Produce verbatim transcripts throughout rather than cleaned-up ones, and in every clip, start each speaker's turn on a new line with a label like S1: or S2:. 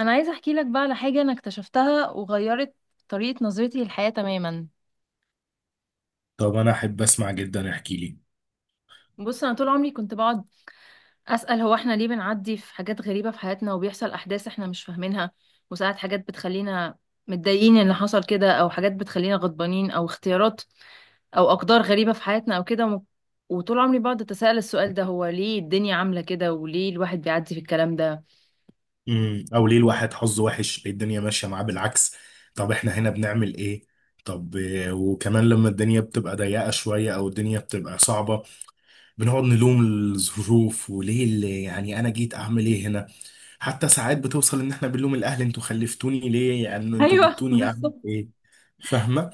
S1: انا عايزه احكي لك بقى على حاجه انا اكتشفتها وغيرت طريقه نظرتي للحياه تماما.
S2: طب انا احب اسمع جدا، احكي لي.
S1: بص، انا طول عمري كنت بقعد اسال: هو احنا ليه بنعدي في حاجات غريبه في حياتنا، وبيحصل احداث احنا مش فاهمينها، وساعات حاجات بتخلينا متضايقين ان حصل كده، او حاجات بتخلينا غضبانين، او اختيارات او اقدار غريبه في حياتنا او كده. وم- وطول عمري بقعد اتساءل السؤال ده: هو ليه الدنيا عامله كده، وليه الواحد بيعدي في الكلام ده؟
S2: امم او ليه الواحد حظه وحش؟ ليه الدنيا ماشيه معاه بالعكس؟ طب احنا هنا بنعمل ايه؟ طب آه، وكمان لما الدنيا بتبقى ضيقه شويه او الدنيا بتبقى صعبه، بنقعد نلوم الظروف وليه اللي يعني انا جيت اعمل ايه هنا. حتى ساعات بتوصل ان احنا بنلوم الاهل، انتوا خلفتوني ليه؟ يعني انتوا
S1: ايوه
S2: جبتوني اعمل
S1: بالظبط،
S2: ايه؟ فاهمه؟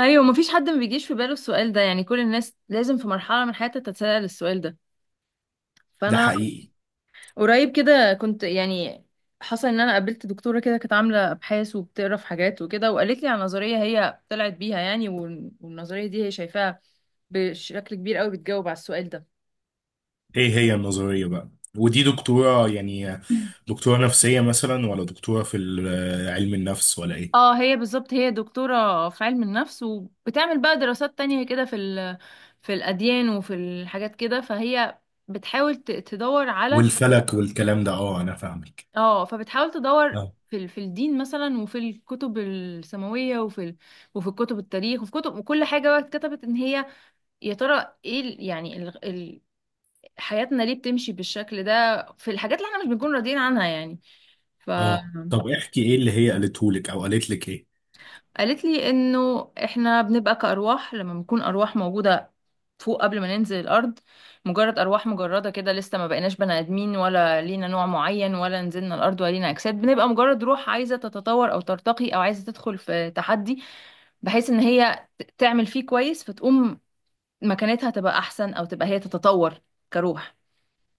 S1: ايوه مفيش حد ما بيجيش في باله السؤال ده، يعني كل الناس لازم في مرحله من حياتها تتساءل السؤال ده.
S2: ده
S1: فانا
S2: حقيقي.
S1: قريب كده كنت يعني حصل ان انا قابلت دكتوره كده، كانت عامله ابحاث وبتقرا في حاجات وكده، وقالت لي على نظريه هي طلعت بيها يعني، وال- والنظريه دي هي شايفاها بشكل كبير قوي بتجاوب على السؤال ده.
S2: ايه هي النظريه بقى؟ ودي دكتوره يعني؟ دكتوره نفسيه مثلا، ولا دكتوره في ال- علم النفس، ولا ايه؟
S1: اه، هي بالظبط هي دكتورة في علم النفس، وبتعمل بقى دراسات تانية كده في ال... في الأديان وفي الحاجات كده، فهي بتحاول ت- تدور على،
S2: والفلك والكلام ده، اه انا فاهمك.
S1: اه، فبتحاول تدور
S2: اه
S1: في ال- في الدين مثلا، وفي الكتب السماوية، وفي ال... وفي كتب التاريخ وفي كتب، وكل حاجة بقى اتكتبت، ان هي يا ترى ايه ال... يعني ال... ال... حياتنا ليه بتمشي بالشكل ده في الحاجات اللي احنا مش بنكون راضيين عنها يعني. ف
S2: اه، طب احكي ايه اللي هي قالته لك، او قالت لك ايه؟
S1: قالت لي انه احنا بنبقى كأرواح، لما بنكون أرواح موجودة فوق قبل ما ننزل الأرض، مجرد أرواح مجردة كده، لسه ما بقيناش بني آدمين، ولا لينا نوع معين، ولا نزلنا الأرض، ولا لينا أجساد، بنبقى مجرد روح عايزة تتطور أو ترتقي، أو عايزة تدخل في تحدي بحيث إن هي ت- تعمل فيه كويس، فتقوم مكانتها تبقى أحسن، أو تبقى هي تتطور كروح.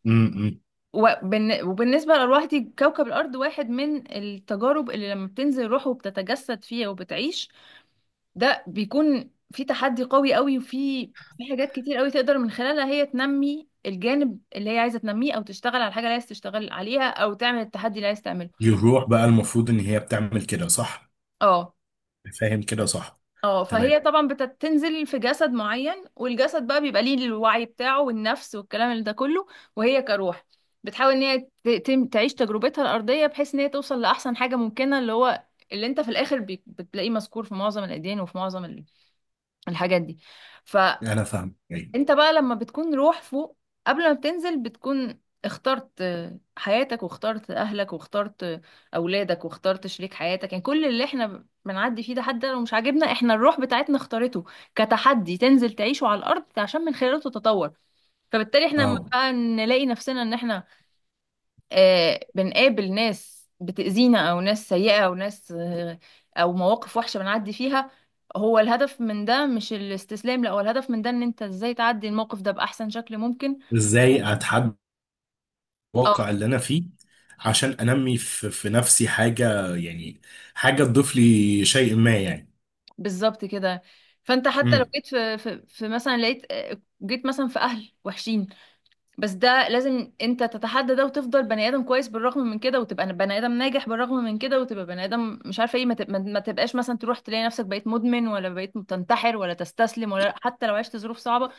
S2: امم.
S1: وبالن- وبالنسبة للأرواح دي، كوكب الأرض واحد من التجارب اللي لما بتنزل روحه وبتتجسد فيها وبتعيش، ده بيكون في تحدي قوي قوي، وفي في حاجات كتير قوي تقدر من خلالها هي تنمي الجانب اللي هي عايزه تنميه، او تشتغل على الحاجه اللي عايز تشتغل عليها، او تعمل التحدي اللي عايز تعمله.
S2: يروح بقى المفروض ان هي بتعمل كده، صح؟
S1: اه،
S2: فاهم كده، صح؟
S1: اه، فهي
S2: تمام.
S1: طبعا بتنزل في جسد معين، والجسد بقى بيبقى ليه الوعي بتاعه والنفس والكلام اللي ده كله، وهي كروح بتحاول ان هي ت- تم- تعيش تجربتها الارضيه، بحيث ان هي توصل لاحسن حاجه ممكنه، اللي هو اللي انت في الاخر بي- بتلاقيه مذكور في معظم الاديان وفي معظم ال- الحاجات دي.
S2: انا فاهم ايه.
S1: انت بقى لما بتكون روح فوق قبل ما بتنزل، بتكون اخترت حياتك، واخترت اهلك، واخترت اولادك، واخترت شريك حياتك، يعني كل اللي احنا بنعدي فيه ده، حتى لو مش عاجبنا، احنا الروح بتاعتنا اختارته كتحدي تنزل تعيشه على الارض عشان من خلاله تتطور. فبالتالي احنا لما
S2: اه.
S1: بقى نلاقي نفسنا ان احنا، آه، بنقابل ناس بتأذينا، أو ناس سيئة، أو ناس، آه، أو مواقف وحشة بنعدي فيها، هو الهدف من ده مش الاستسلام، لا، هو الهدف من ده إن أنت إزاي تعدي الموقف ده بأحسن شكل ممكن.
S2: ازاي اتحدى
S1: أه،
S2: الواقع اللي انا فيه، عشان انمي في, في نفسي حاجه يعني، حاجه تضيف لي شيء ما يعني.
S1: بالظبط كده. فأنت حتى لو
S2: امم.
S1: جيت في, في, في مثلا، لقيت، آه، جيت مثلا في أهل وحشين، بس ده لازم انت تتحدى ده، وتفضل بني ادم كويس بالرغم من كده، وتبقى بني ادم ناجح بالرغم من كده، وتبقى بني ادم مش عارفه ايه، ما تب- ما- ما تبقاش مثلا تروح تلاقي نفسك بقيت مدمن، ولا بقيت تنتحر ولا تستسلم، ولا حتى لو عشت ظروف صعبه.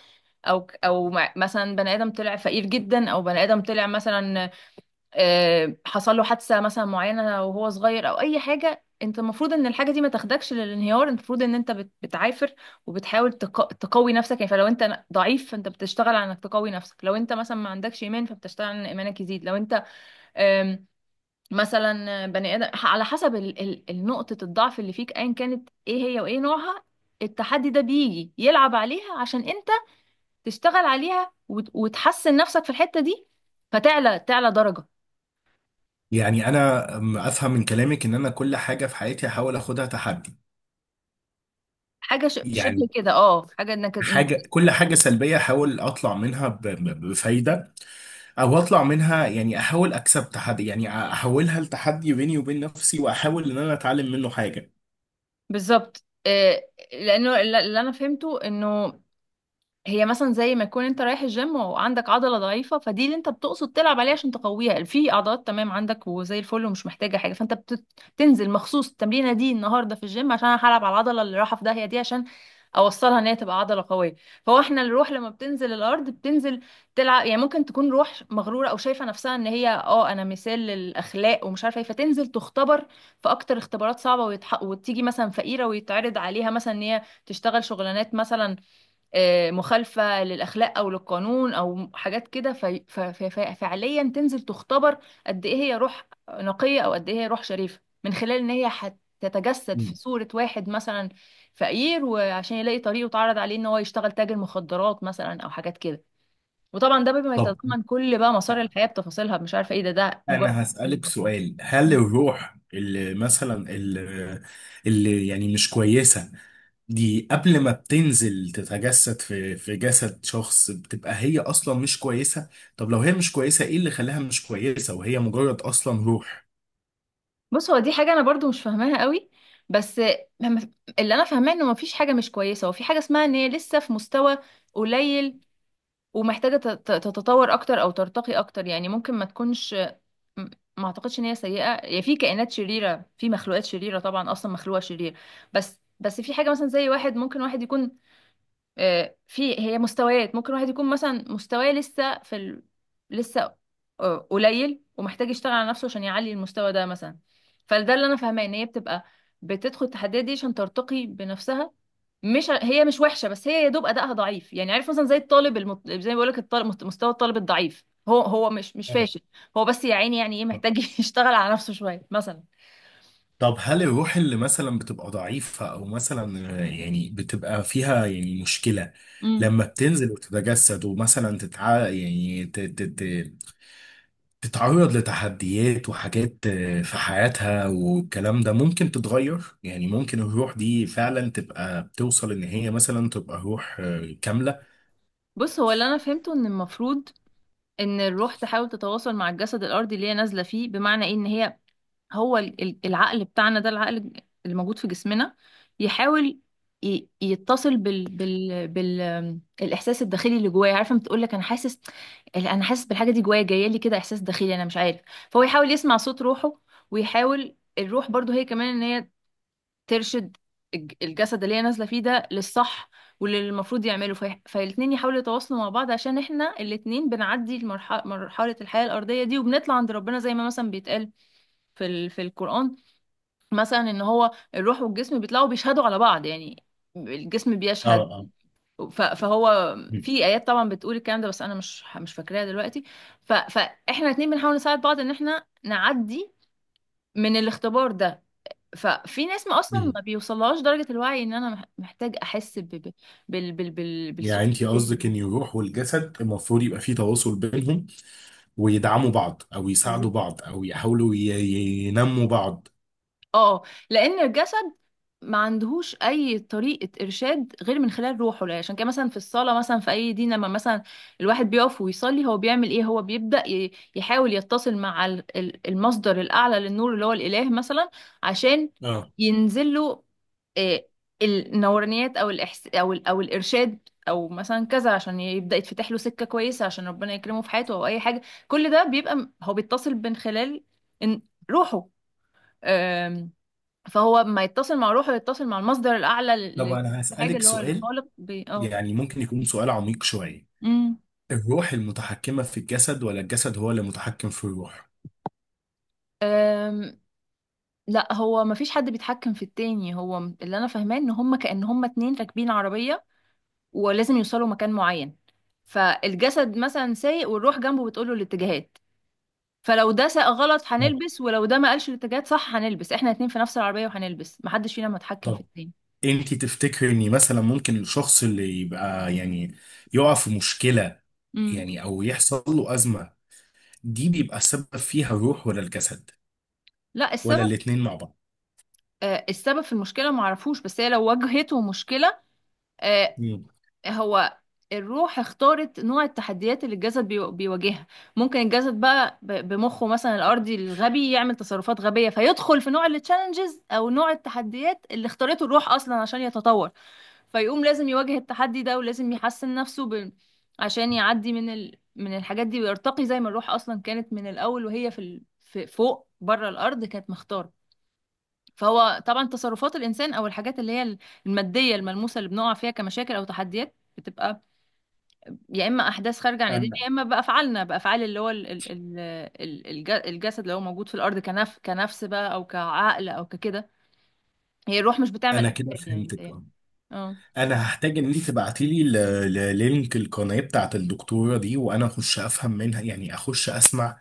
S1: او او مع- مثلا بني ادم طلع فقير جدا، او بني ادم طلع مثلا، آه، حصل له حادثة مثلا معينة وهو صغير، او اي حاجة، انت المفروض ان الحاجة دي ما تاخدكش للانهيار، انت المفروض ان انت بت- بتعافر وبتحاول تق- تقوي نفسك يعني. فلو انت ن- ضعيف فانت بتشتغل على انك تقوي نفسك، لو انت مثلا ما عندكش ايمان فبتشتغل على ان ايمانك يزيد، لو انت، آم، مثلا بني ادم ح- على حسب ال- ال- النقطة الضعف اللي فيك ايا كانت ايه هي وايه نوعها، التحدي ده بيجي يلعب عليها عشان انت تشتغل عليها وت- وتحسن نفسك في الحتة دي، فتعلى تعلى درجة.
S2: يعني انا أم- افهم من كلامك ان انا كل حاجه في حياتي احاول اخدها تحدي.
S1: حاجه ش- شبه
S2: يعني
S1: كده، اه، حاجه انك انك
S2: حاجة، كل حاجة سلبية أحاول أطلع منها ب- ب- بفايدة، أو أطلع منها يعني، أحاول أكسب تحدي يعني أحولها لتحدي بيني وبين نفسي، وأحاول إن أنا أتعلم منه حاجة.
S1: بالظبط، آه، لانه الل- اللي انا فهمته انه هي مثلا زي ما يكون انت رايح الجيم وعندك عضله ضعيفه، فدي اللي انت بتقصد تلعب عليها عشان تقويها، في عضلات تمام عندك وزي الفل ومش محتاجه حاجه، فانت بتنزل مخصوص التمرينه دي النهارده في الجيم عشان انا هلعب على العضله اللي رايحه في داهيه دي، عشان اوصلها ان هي تبقى عضله قويه. فهو احنا الروح لما بتنزل الارض بتنزل تلعب، يعني ممكن تكون روح مغروره او شايفه نفسها ان هي، اه، انا مثال للاخلاق ومش عارفه ايه، فتنزل تختبر في اكتر اختبارات صعبه، ويتح... وتيجي مثلا فقيره، ويتعرض عليها مثلا ان هي تشتغل شغلانات مثلا، آه، مخالفة للأخلاق أو للقانون أو حاجات كده، في- ف- ف- ف- فعليا تنزل تختبر قد إيه هي روح نقية، أو قد إيه هي روح شريفة، من خلال إن هي هتتجسد في
S2: مم.
S1: صورة واحد مثلا فقير، وعشان يلاقي طريقه، وتعرض عليه إن هو يشتغل تاجر مخدرات مثلا أو حاجات كده. وطبعا ده بما
S2: طب
S1: يتضمن كل بقى مسار الحياة بتفاصيلها، مش عارفة إيه، ده ده مجرد
S2: أنا هسألك
S1: البسيط.
S2: سؤال، هل الروح اللي مثلا اللي, اللي يعني مش كويسة، دي قبل ما بتنزل تتجسد في في جسد شخص، بتبقى هي أصلا مش كويسة؟ طب لو هي مش كويسة، إيه اللي خلاها مش كويسة وهي مجرد أصلا روح؟
S1: بص، هو دي حاجة أنا برضو مش فاهماها قوي، بس مم- اللي أنا فاهماه إنه مفيش حاجة مش كويسة، وفي حاجة اسمها إن هي لسه في مستوى قليل، ومحتاجة تت- تتطور أكتر أو ترتقي أكتر. يعني ممكن ما تكونش، م- ما أعتقدش إن هي سيئة، يعني في كائنات شريرة، في مخلوقات شريرة طبعا أصلا مخلوقة شرير، بس بس في حاجة مثلا زي واحد، ممكن واحد يكون، آه، في هي مستويات، ممكن واحد يكون مثلا مستواه لسه في ال... لسه، آه، قليل ومحتاج يشتغل على نفسه عشان يعلي المستوى ده مثلا. فده اللي انا فاهماه، ان هي بتبقى بتدخل التحديات دي عشان ترتقي بنفسها، مش ع- هي مش وحشه، بس هي يا دوب ادائها ضعيف، يعني عارف مثلا زي الطالب المط... زي ما بقول لك الطالب مست- مستوى الطالب الضعيف، هو هو مش مش فاشل، هو بس يا عيني يعني ايه، محتاج يشتغل على نفسه شويه مثلا.
S2: طب هل الروح اللي مثلا بتبقى ضعيفة أو مثلا، آه، يعني بتبقى فيها يعني مشكلة،
S1: امم،
S2: لما بتنزل وتتجسد، ومثلا تتع... يعني ت... ت... ت... تتعرض لتحديات وحاجات آه، في حياتها والكلام ده، ممكن تتغير؟ يعني ممكن الروح دي فعلا تبقى بتوصل إن هي مثلا تبقى روح آه، كاملة؟
S1: بص، هو اللي انا فهمته ان المفروض ان الروح تحاول تتواصل مع الجسد الارضي اللي هي نازله فيه، بمعنى ايه، ان هي هو ال- ال- العقل بتاعنا ده، العقل اللي موجود في جسمنا، يحاول ي- يتصل بال بال بال، آم، الاحساس الداخلي اللي جوايا، عارفه، بتقول لك انا حاسس، انا حاسس بالحاجه دي جوايا، جايه لي كده احساس داخلي، انا مش عارف. فهو يحاول يسمع صوت روحه، ويحاول الروح برضو هي كمان ان هي ترشد الج- الجسد اللي هي نازله فيه ده للصح، واللي المفروض يعمله في... فالاتنين يحاولوا يتواصلوا مع بعض، عشان احنا الاتنين بنعدي المرحله، مرحله الحياه الارضيه دي، وبنطلع عند ربنا زي ما مثلا بيتقال في ال... في القران مثلا، ان هو الروح والجسم بيطلعوا بيشهدوا على بعض، يعني الجسم
S2: اه
S1: بيشهد.
S2: اه.
S1: ف... فهو
S2: م-
S1: في ايات طبعا بتقول الكلام ده، بس انا مش مش فاكراها دلوقتي. ف... فاحنا الاتنين بنحاول نساعد بعض ان احنا نعدي من الاختبار ده. ففي ناس ما اصلا
S2: م.
S1: ما بيوصلهاش درجة الوعي ان انا مح- محتاج احس ب... ب... بال... بال... بال...
S2: يعني
S1: بالصوت
S2: انت قصدك
S1: الداخلي
S2: ان الروح والجسد المفروض يبقى فيه تواصل بينهم، ويدعموا بعض او
S1: ده.
S2: يساعدوا بعض، او يحاولوا ي- ي- ينموا بعض.
S1: اه، لان الجسد ما عندهوش اي طريقه ارشاد غير من خلال روحه. لا، عشان كده مثلا في الصلاه مثلا في اي دين، لما مثلا الواحد بيقف ويصلي، هو بيعمل ايه؟ هو بيبدا ي- يحاول يتصل مع ال- ال- المصدر الاعلى للنور اللي هو الاله مثلا، عشان
S2: اه.
S1: ينزل له، آه، النورانيات او الإحس او ال- او الارشاد، او مثلا كذا، عشان يبدا يتفتح له سكه كويسه، عشان ربنا يكرمه في حياته او اي حاجه. كل ده بيبقى م- هو بيتصل من خلال إن- روحه، فهو ما يتصل مع روحه يتصل مع المصدر الأعلى
S2: طب
S1: لل...
S2: انا
S1: للحاجة
S2: هسألك
S1: اللي هو
S2: سؤال،
S1: الخالق بي... اه.
S2: يعني ممكن يكون سؤال عميق شوية.
S1: امم.
S2: الروح المتحكمة في الجسد، ولا الجسد هو اللي متحكم في الروح؟
S1: أم، لا، هو ما فيش حد بيتحكم في التاني، هو م- اللي انا فاهماه ان هم كأن هم اتنين راكبين عربية، ولازم يوصلوا مكان معين، فالجسد مثلا سايق والروح جنبه بتقوله الاتجاهات، فلو ده ساق غلط
S2: اه،
S1: هنلبس، ولو ده ما قالش الاتجاهات صح هنلبس، احنا اتنين في نفس العربية وهنلبس، محدش فينا متحكم في
S2: طبعا.
S1: التاني.
S2: انت تفتكري ان مثلا ممكن الشخص اللي يبقى يعني يقع في مشكلة،
S1: امم،
S2: يعني او يحصل له أزمة، دي بيبقى السبب فيها الروح، ولا الجسد،
S1: لا،
S2: ولا
S1: السبب،
S2: الاتنين مع بعض؟
S1: آه، السبب في المشكلة معرفوش، بس هي لو واجهته مشكلة، آه،
S2: مم.
S1: هو الروح اختارت نوع التحديات اللي الجسد بيو- بيواجهها، ممكن الجسد بقى ب- بمخه مثلا الارضي الغبي يعمل تصرفات غبيه، فيدخل في نوع التشالنجز او نوع التحديات اللي اختارته الروح اصلا عشان يتطور، فيقوم لازم يواجه التحدي ده، ولازم يحسن نفسه ب... عشان يعدي من ال... من الحاجات دي، ويرتقي زي ما الروح اصلا كانت من الاول وهي في ال... في فوق بره الارض كانت مختاره. فهو طبعا تصرفات الانسان او الحاجات اللي هي الماديه الملموسه اللي بنقع فيها كمشاكل او تحديات، بتبقى يا اما احداث خارجه عن ايدينا،
S2: انا
S1: يا اما بافعالنا، بافعال اللي هو ال- ال- ال- ال- الج- الجسد اللي هو موجود في الارض، كنف كنفس بقى، او كعقل، او ككده، هي الروح مش بتعمل
S2: انا كده
S1: افعال يعني
S2: فهمتك
S1: متهيألي.
S2: آه.
S1: اه،
S2: انا هحتاج ان انت تبعتي لي ل- ل- لينك القناه بتاعت الدكتوره دي، وانا اخش افهم منها، يعني اخش اسمع،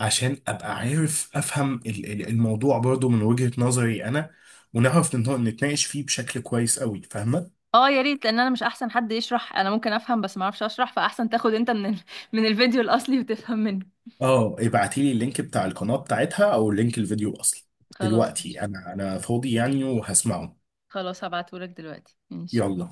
S2: عشان ابقى عارف افهم ال- ال- الموضوع برضو من وجهه نظري انا، ونعرف نت- نتناقش فيه بشكل كويس قوي. فاهمه؟
S1: اه، يا ريت، لان انا مش احسن حد يشرح، انا ممكن افهم بس ما اعرفش اشرح، فاحسن تاخد انت من ال... من الفيديو الاصلي وتفهم منه.
S2: اه، ابعتي لي اللينك بتاع القناه بتاعتها، او لينك الفيديو اصلا.
S1: خلاص ماشي.
S2: دلوقتي انا انا فاضي يعني وهسمعه.
S1: خلاص هبعتهولك دلوقتي ماشي.
S2: يلا.